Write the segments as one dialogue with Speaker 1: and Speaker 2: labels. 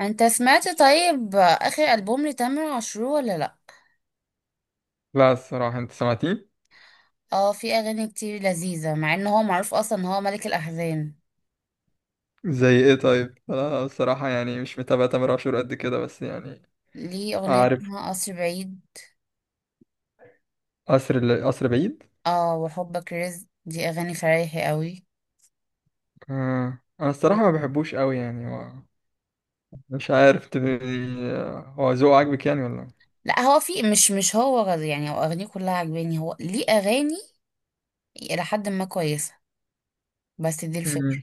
Speaker 1: انت سمعت طيب اخر البوم لتامر عاشور ولا لا؟
Speaker 2: لا، الصراحة. انت سمعتيه؟
Speaker 1: اه، في اغاني كتير لذيذه، مع ان هو معروف اصلا ان هو ملك الاحزان.
Speaker 2: زي ايه طيب؟ انا الصراحة يعني مش متابع تامر عاشور قد كده، بس يعني
Speaker 1: ليه اغنيه
Speaker 2: عارف.
Speaker 1: اسمها قصر بعيد.
Speaker 2: قصر بعيد.
Speaker 1: اه، وحبك رزق، دي اغاني فرايحي قوي.
Speaker 2: آه. انا الصراحة ما بحبوش قوي يعني. هو مش عارف، انت هو ذوقه عاجبك يعني ولا؟
Speaker 1: لا، هو في مش هو يعني هو اغانيه كلها عجباني، هو ليه اغاني الى حد ما كويسه. بس دي الفكره.
Speaker 2: مم.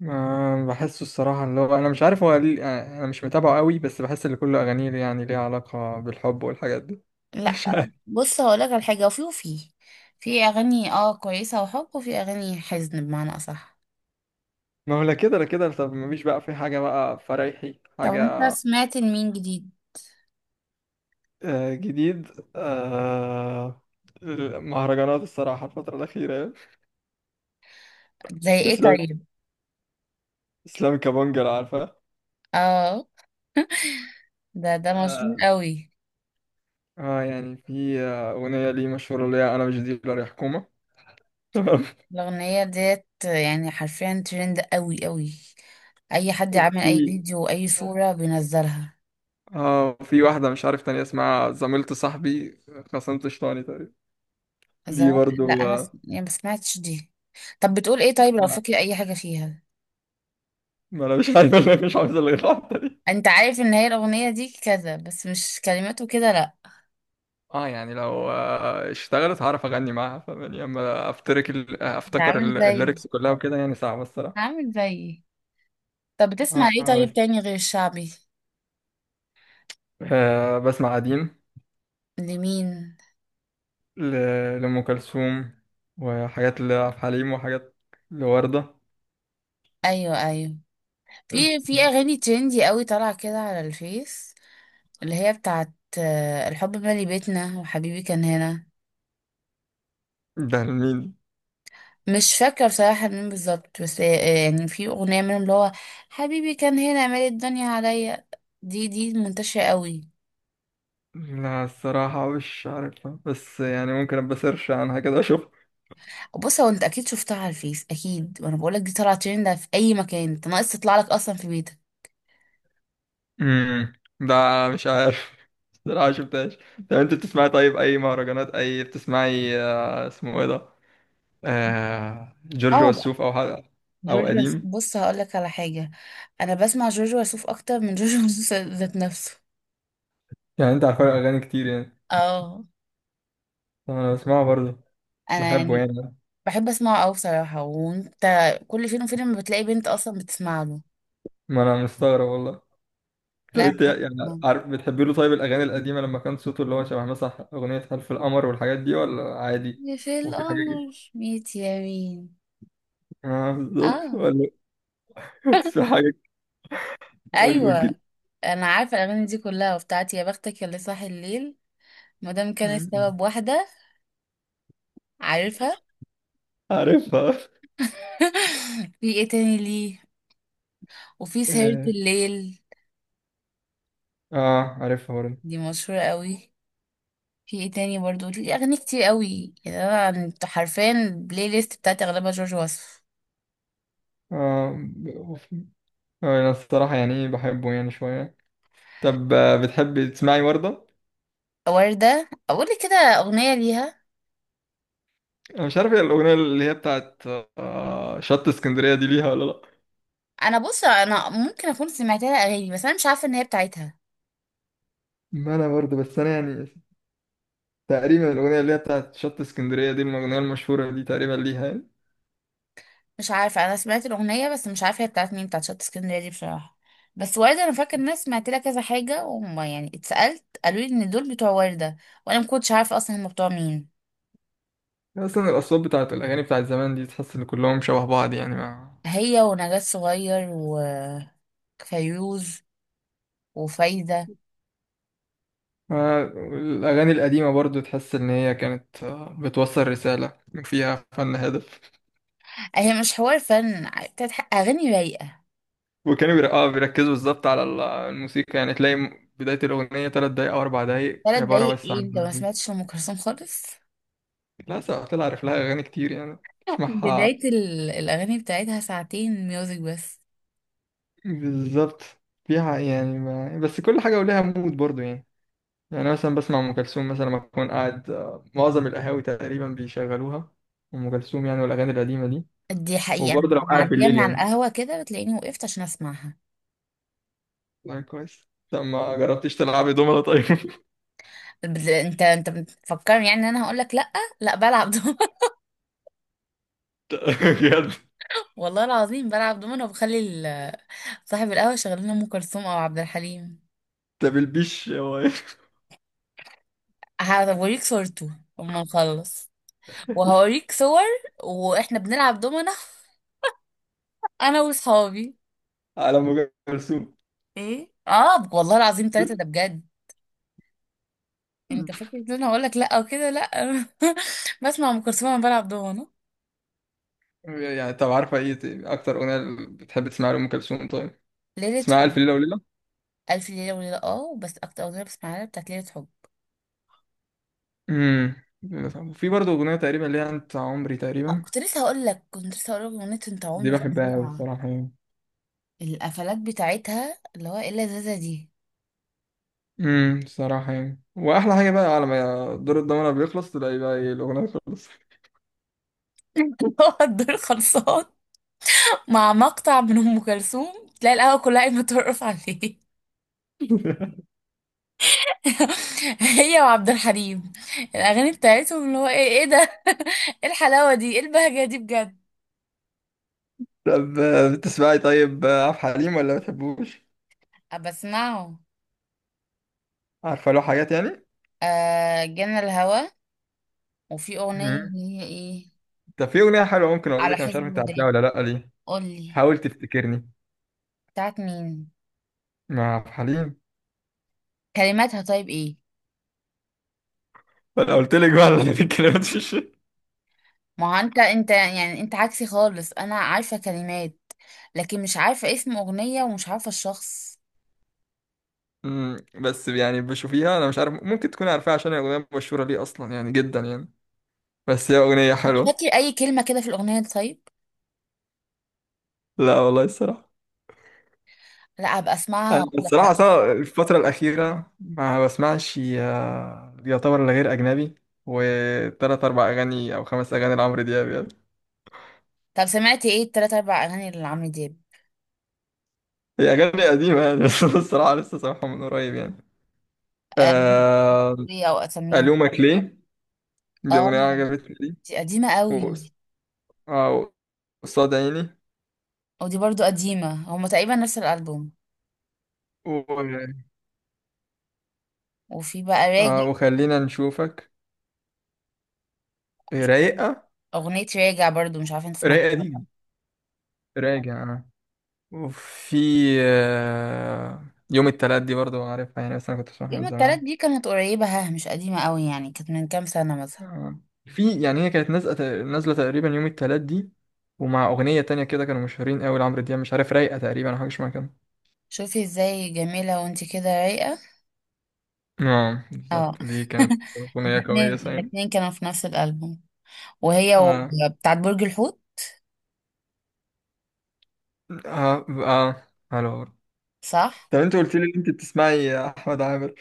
Speaker 2: ما بحسه الصراحة، اللي هو انا مش عارف هو ليه يعني، انا مش متابعه قوي، بس بحس ان كل اغانيه يعني ليها علاقة بالحب والحاجات دي.
Speaker 1: لا،
Speaker 2: مش عارف.
Speaker 1: بص هقولك على حاجه. وفي في اغاني اه كويسه وحب، وفي اغاني حزن بمعنى اصح.
Speaker 2: ما هو لا كده لا كده، طب مفيش بقى في حاجة بقى فرايحي
Speaker 1: طب انت
Speaker 2: حاجة؟
Speaker 1: سمعت لمين جديد؟
Speaker 2: آه، جديد. آه، المهرجانات الصراحة الفترة الأخيرة يعني.
Speaker 1: زي ايه
Speaker 2: إسلام
Speaker 1: طيب؟
Speaker 2: إسلام كابونجا، عارفة.
Speaker 1: اه، ده
Speaker 2: ف-
Speaker 1: مشهور قوي.
Speaker 2: اه، يعني في أغنية ليه مشهورة، اللي هي أنا مش ديلر يا حكومة، تمام.
Speaker 1: الاغنيه ديت يعني حرفيا ترند قوي قوي. اي حد عامل
Speaker 2: وفي
Speaker 1: اي فيديو واي صوره بينزلها.
Speaker 2: اه، في واحدة مش عارف تانية، اسمها زميلة صاحبي، خصمت شيطاني تقريبا. دي
Speaker 1: زمان
Speaker 2: برضو
Speaker 1: لا، انا يعني ما سمعتش دي. طب بتقول ايه طيب؟ لو
Speaker 2: لا.
Speaker 1: فاكر اي حاجه فيها.
Speaker 2: ما أنا مش عارف اللي مش عاوز اللي الواحدة دي.
Speaker 1: انت عارف ان هي الاغنيه دي كذا، بس مش كلماته كده لا.
Speaker 2: اه، يعني لو اشتغلت هعرف اغني معاها، فاهماني، اما افتكر
Speaker 1: انت
Speaker 2: افتكر.
Speaker 1: عامل زي.
Speaker 2: الليركس كلها وكده يعني صعبة الصراحة.
Speaker 1: عامل زي. طب بتسمع ايه
Speaker 2: اه.
Speaker 1: طيب تاني غير الشعبي؟
Speaker 2: بسمع قديم.
Speaker 1: لمين؟
Speaker 2: لأم كلثوم، وحاجات لعبد الحليم، وحاجات لوردة.
Speaker 1: ايوه، ايوه. في اغاني ترندي قوي طالعه كده على الفيس. اللي هي بتاعت الحب مالي بيتنا وحبيبي كان هنا.
Speaker 2: ده لمين؟
Speaker 1: مش فاكرة بصراحة مين بالظبط، بس يعني في أغنية منهم اللي هو حبيبي كان هنا مالي الدنيا عليا. دي منتشرة قوي.
Speaker 2: لا، الصراحة مش عارفها، بس يعني ممكن أبقى سيرش عنها كده أشوف.
Speaker 1: بص هو انت اكيد شفتها على الفيس، اكيد وانا بقولك دي طلعت ترند في اي مكان، انت ناقص تطلع لك اصلا في بيتك.
Speaker 2: امم. ده مش عارف، الصراحة شفتهاش. طب أنت بتسمعي طيب أي مهرجانات، أي بتسمعي؟ اسمه إيه ده؟ جورج
Speaker 1: اه بقى.
Speaker 2: وسوف، أو حاجة، أو قديم.
Speaker 1: بص هقولك على حاجة. انا بسمع جورج وسوف اكتر من جورج وسوف ذات نفسه.
Speaker 2: يعني أنت عارفة أغاني كتير يعني.
Speaker 1: اه.
Speaker 2: طب أنا بسمعه برضه،
Speaker 1: انا
Speaker 2: بحبه
Speaker 1: يعني
Speaker 2: يعني.
Speaker 1: بحب اسمعه قوي بصراحة. وانت؟ كل فين وفين لما بتلاقي بنت اصلا بتسمع له.
Speaker 2: ما أنا مستغرب والله. طب
Speaker 1: لا، أنا
Speaker 2: انت
Speaker 1: بحب
Speaker 2: يعني
Speaker 1: اسمعه.
Speaker 2: عارف بتحب له طيب الاغاني القديمه لما كان صوته اللي هو شبه مثلا اغنيه حلف القمر والحاجات دي، ولا عادي؟
Speaker 1: في
Speaker 2: وفي حاجه جديده.
Speaker 1: القمر ميت يمين.
Speaker 2: اه، بالظبط،
Speaker 1: اه.
Speaker 2: ولا؟ بس في حاجه، حاول تجيب.
Speaker 1: ايوه. انا عارفة الاغاني دي كلها، وبتاعتي يا بختك يا اللي صاحي الليل. مادام كان السبب واحدة. عارفها.
Speaker 2: عارفها.
Speaker 1: في ايه تاني ليه؟ وفي سهرة
Speaker 2: اه،
Speaker 1: الليل.
Speaker 2: عارفها برضه.
Speaker 1: دي مشهورة قوي. في ايه تاني برضو ليه اغاني كتير قوي، يعني انا حرفيا البلاي ليست بتاعتي اغلبها جورج وسوف.
Speaker 2: اه ب- وف- انا الصراحه يعني ايه، بحبه يعني شويه. طب بتحبي تسمعي ورده؟
Speaker 1: وردة اقول لك كده اغنية ليها.
Speaker 2: انا مش عارف هي الاغنيه اللي هي بتاعت شط اسكندريه، دي ليها ولا لا؟
Speaker 1: انا بص، انا ممكن اكون سمعت لها اغاني بس انا مش عارفه ان هي بتاعتها.
Speaker 2: ما انا برضه، بس انا يعني تقريبا الأغنية اللي هي بتاعت شط اسكندرية دي، الأغنية المشهورة دي تقريبا ليها يعني.
Speaker 1: مش عارفه، انا سمعت الاغنيه بس مش عارفه هي بتاعت مين، بتاعت شط اسكندريه دي بصراحه. بس ورده انا فاكر ان انا سمعت لها كذا حاجه، وما يعني اتسالت قالوا لي ان دول بتوع ورده. وانا ما كنتش عارفه اصلا هم بتوع مين.
Speaker 2: أصلا الأصوات بتاعت الأغاني بتاعت زمان دي، تحس إن كلهم شبه بعض يعني، ما.
Speaker 1: هي ونجاة صغير. وفيروز. وفايده.
Speaker 2: ما- الأغاني القديمة برضو، تحس إن هي كانت بتوصل رسالة فيها فن هادف.
Speaker 1: هي مش حوار فن، بتاعت اغاني رايقه.
Speaker 2: وكانوا بيركزوا بالظبط على الموسيقى. يعني تلاقي بداية الأغنية 3 دقايق أو 4 دقايق
Speaker 1: ثلاث
Speaker 2: عبارة
Speaker 1: دقايق
Speaker 2: بس عن
Speaker 1: ايه؟ انت ما
Speaker 2: النبي.
Speaker 1: سمعتش لأم كلثوم خالص؟
Speaker 2: لا، سواء طلع عارف لها أغاني كتير يعني، تسمعها.
Speaker 1: بدايه الاغاني بتاعتها ساعتين ميوزك بس.
Speaker 2: بالظبط. فيها يعني، ما بس، كل حاجة ولها مود برضو يعني. يعني أنا مثلا بسمع أم كلثوم مثلا لما أكون قاعد. معظم القهاوي تقريبا بيشغلوها أم كلثوم يعني، والأغاني القديمة دي.
Speaker 1: دي حقيقة أنا
Speaker 2: وبرضه لو
Speaker 1: ببقى
Speaker 2: قاعد
Speaker 1: معدية
Speaker 2: بالليل
Speaker 1: من على
Speaker 2: يعني.
Speaker 1: القهوة كده، بتلاقيني وقفت عشان أسمعها.
Speaker 2: لا، كويس. طب ما جربتش تلعبي دومنة طيب؟
Speaker 1: أنت بتفكرني يعني إن أنا هقول لك لأ. لأ، بلعب دومنة.
Speaker 2: بجد؟
Speaker 1: والله العظيم بلعب دومنة، وبخلي صاحب القهوة شغال لنا أم كلثوم أو عبد الحليم.
Speaker 2: ده بالبيش هو إيه؟
Speaker 1: هوريك صورته أما نخلص. وهوريك صور وإحنا بنلعب دومنة أنا وصحابي.
Speaker 2: على أم كلثوم؟
Speaker 1: إيه والله العظيم ثلاثة ده بجد. أنت فاكر إن أنا هقول لك لأ وكده لأ. بسمع أم كلثوم وأنا بلعب دومنة.
Speaker 2: يعني طب عارفة إيه أكتر أغنية بتحب تسمعها لأم كلثوم طيب؟
Speaker 1: ليلة.
Speaker 2: تسمعها ألف ليلة وليلة؟
Speaker 1: ألف ليلة وليلة، اه بس أكتر أغنية بسمعها لها بتاعت ليلة حب.
Speaker 2: امم. في برضه أغنية تقريبا اللي هي أنت عمري تقريبا.
Speaker 1: كنت لسه هقول لك أغنية أنت
Speaker 2: دي
Speaker 1: عمري
Speaker 2: بحبها أوي
Speaker 1: فظيعة.
Speaker 2: الصراحة يعني.
Speaker 1: القفلات بتاعتها اللي هو إيه اللذاذة دي.
Speaker 2: امم، صراحة يعني، واحلى حاجة بقى على ما دور الضمنة بيخلص، تلاقي بقى ايه، الأغنية خلصت.
Speaker 1: اللي هو الدور خلصان. مع مقطع من أم كلثوم تلاقي القهوة كلها قايمة ترقص عليه. هي وعبد الحليم. الأغاني بتاعتهم اللي هو إيه، إيه ده، إيه الحلاوة دي، إيه البهجة دي بجد.
Speaker 2: طب بتسمعي طيب عبد الحليم ولا ما بتحبوش؟
Speaker 1: بسمعه.
Speaker 2: عارفة له حاجات يعني؟
Speaker 1: آه، جنى الهوى. وفي أغنية
Speaker 2: امم.
Speaker 1: اللي هي إيه.
Speaker 2: طب في أغنية حلوة ممكن أقول
Speaker 1: على
Speaker 2: لك، أنا مش
Speaker 1: حزب
Speaker 2: عارف أنت عارفها
Speaker 1: الوداد.
Speaker 2: ولا لأ دي.
Speaker 1: قولي.
Speaker 2: حاول تفتكرني،
Speaker 1: بتاعت مين؟
Speaker 2: مع عبد الحليم.
Speaker 1: كلماتها طيب ايه؟
Speaker 2: أنا قلت لك بقى على الكلمات، في الشيء.
Speaker 1: ما هو انت يعني انت عكسي خالص، انا عارفة كلمات لكن مش عارفة اسم اغنية ومش عارفة الشخص.
Speaker 2: امم، بس يعني بشوفيها، أنا مش عارف، ممكن تكون عارفاها عشان هي أغنية مشهورة ليه أصلا يعني جدا يعني. بس هي أغنية
Speaker 1: مش
Speaker 2: حلوة.
Speaker 1: فاكر اي كلمة كده في الاغنية دي طيب.
Speaker 2: لا والله الصراحة.
Speaker 1: لا، هبقى اسمعها
Speaker 2: أنا
Speaker 1: واقول لك
Speaker 2: الصراحة
Speaker 1: رأيي.
Speaker 2: أصلا الفترة الأخيرة ما بسمعش يعتبر إلا غير أجنبي، وتلات أربع أغاني أو 5 أغاني لعمرو دياب يعني.
Speaker 1: طب سمعتي ايه التلات اربع اغاني اللي عمرو دياب؟
Speaker 2: هي أغاني قديمة يعني. بس أنا الصراحة لسه سامعها من قريب يعني.
Speaker 1: آه،
Speaker 2: آه،
Speaker 1: دي او اساميهم؟
Speaker 2: ألومك ليه، دي
Speaker 1: اه.
Speaker 2: أغنية عجبتني دي.
Speaker 1: دي قديمة قوي.
Speaker 2: و- آه، قصاد عيني.
Speaker 1: ودي برضو قديمة، هما تقريبا نفس الالبوم.
Speaker 2: و...
Speaker 1: وفي بقى راجع.
Speaker 2: وخلينا نشوفك، رايقة،
Speaker 1: اغنية راجع برضو مش عارفة انت سمعتها
Speaker 2: رايقة
Speaker 1: ولا لأ.
Speaker 2: دي. راجع أنا. وفي آه، يوم التلات دي، برضو عارفها يعني، بس أنا كنت بسمعها من
Speaker 1: يوم التلات
Speaker 2: زمان.
Speaker 1: دي كانت قريبة، ها؟ مش قديمة قوي يعني، كانت من كام سنة مثلا؟
Speaker 2: آه. في يعني هي كانت نازله تقريبا يوم التلات دي، ومع اغنيه تانية كده كانوا مشهورين قوي لعمرو دياب. مش عارف، رايقه تقريبا، او حاجه شبه كده.
Speaker 1: شوفي ازاي جميلة وانتي كده رايقة.
Speaker 2: اه،
Speaker 1: اه.
Speaker 2: بالظبط، دي كانت اغنيه
Speaker 1: الاتنين
Speaker 2: كويسه يعني.
Speaker 1: الاتنين كانوا في نفس الألبوم. وهي
Speaker 2: اه،
Speaker 1: بتاعت برج الحوت.
Speaker 2: اه، اه. حلو.
Speaker 1: صح.
Speaker 2: طب انت قلت لي ان انت بتسمعي يا احمد عامر،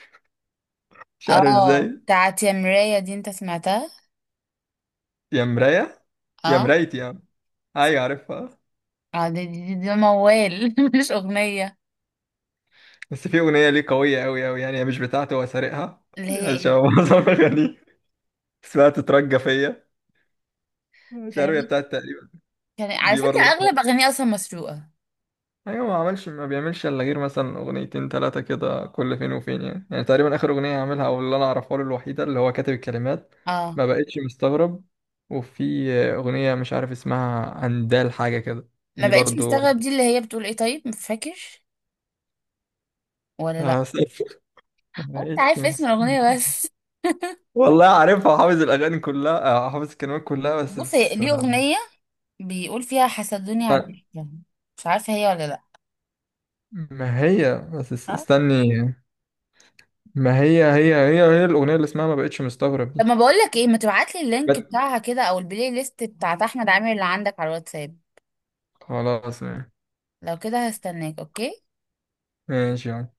Speaker 2: مش عارف
Speaker 1: اه،
Speaker 2: ازاي.
Speaker 1: بتاعت يا مراية دي انت سمعتها؟
Speaker 2: يا مرايه. يا
Speaker 1: اه.
Speaker 2: مرايتي يا عم. ايوه، عارفها.
Speaker 1: اه، دي موال، مش أغنية.
Speaker 2: بس في اغنيه ليه قويه قوي قوي يعني، هي مش بتاعته، هو سارقها،
Speaker 1: اللي هي
Speaker 2: عشان
Speaker 1: ايه؟
Speaker 2: هو معظم اغانيه. اسمها تترجى فيا، مش عارف هي
Speaker 1: كلمات.
Speaker 2: بتاعت تقريبا.
Speaker 1: كان على
Speaker 2: دي
Speaker 1: فكرة
Speaker 2: برضه،
Speaker 1: أغلب أغانيها أصلا مسروقة.
Speaker 2: ايوه، ما بيعملش الا غير مثلا اغنيتين ثلاثه كده كل فين وفين يعني، يعني تقريبا اخر اغنيه عاملها او اللي انا اعرفها له الوحيده، اللي هو كاتب الكلمات.
Speaker 1: اه.
Speaker 2: ما بقتش مستغرب. وفي اغنيه مش عارف اسمها اندال حاجه كده.
Speaker 1: ما
Speaker 2: دي
Speaker 1: بقتش
Speaker 2: برضو
Speaker 1: مستغرب، دي اللي هي بتقول ايه طيب؟ مش فاكر ولا لا؟
Speaker 2: هسقف.
Speaker 1: هو
Speaker 2: ما
Speaker 1: انت
Speaker 2: بقتش
Speaker 1: عارف اسم
Speaker 2: مستغرب،
Speaker 1: الأغنية بس؟
Speaker 2: والله عارفها، حافظ الاغاني كلها، حافظ الكلمات كلها بس
Speaker 1: بصي ليه أغنية بيقول فيها حسدوني على
Speaker 2: استنى.
Speaker 1: الضحكة. مش عارفة هي ولا لا؟
Speaker 2: ما هي بس
Speaker 1: اه.
Speaker 2: استني، ما هي الاغنيه اللي اسمها ما بقتش مستغرب دي.
Speaker 1: طب ما بقول لك ايه، ما تبعت لي اللينك
Speaker 2: بس-
Speaker 1: بتاعها كده او البلاي ليست بتاعت احمد عامر اللي عندك على الواتساب.
Speaker 2: خلاص.
Speaker 1: لو كده هستناك. اوكي.
Speaker 2: ماشي يعني.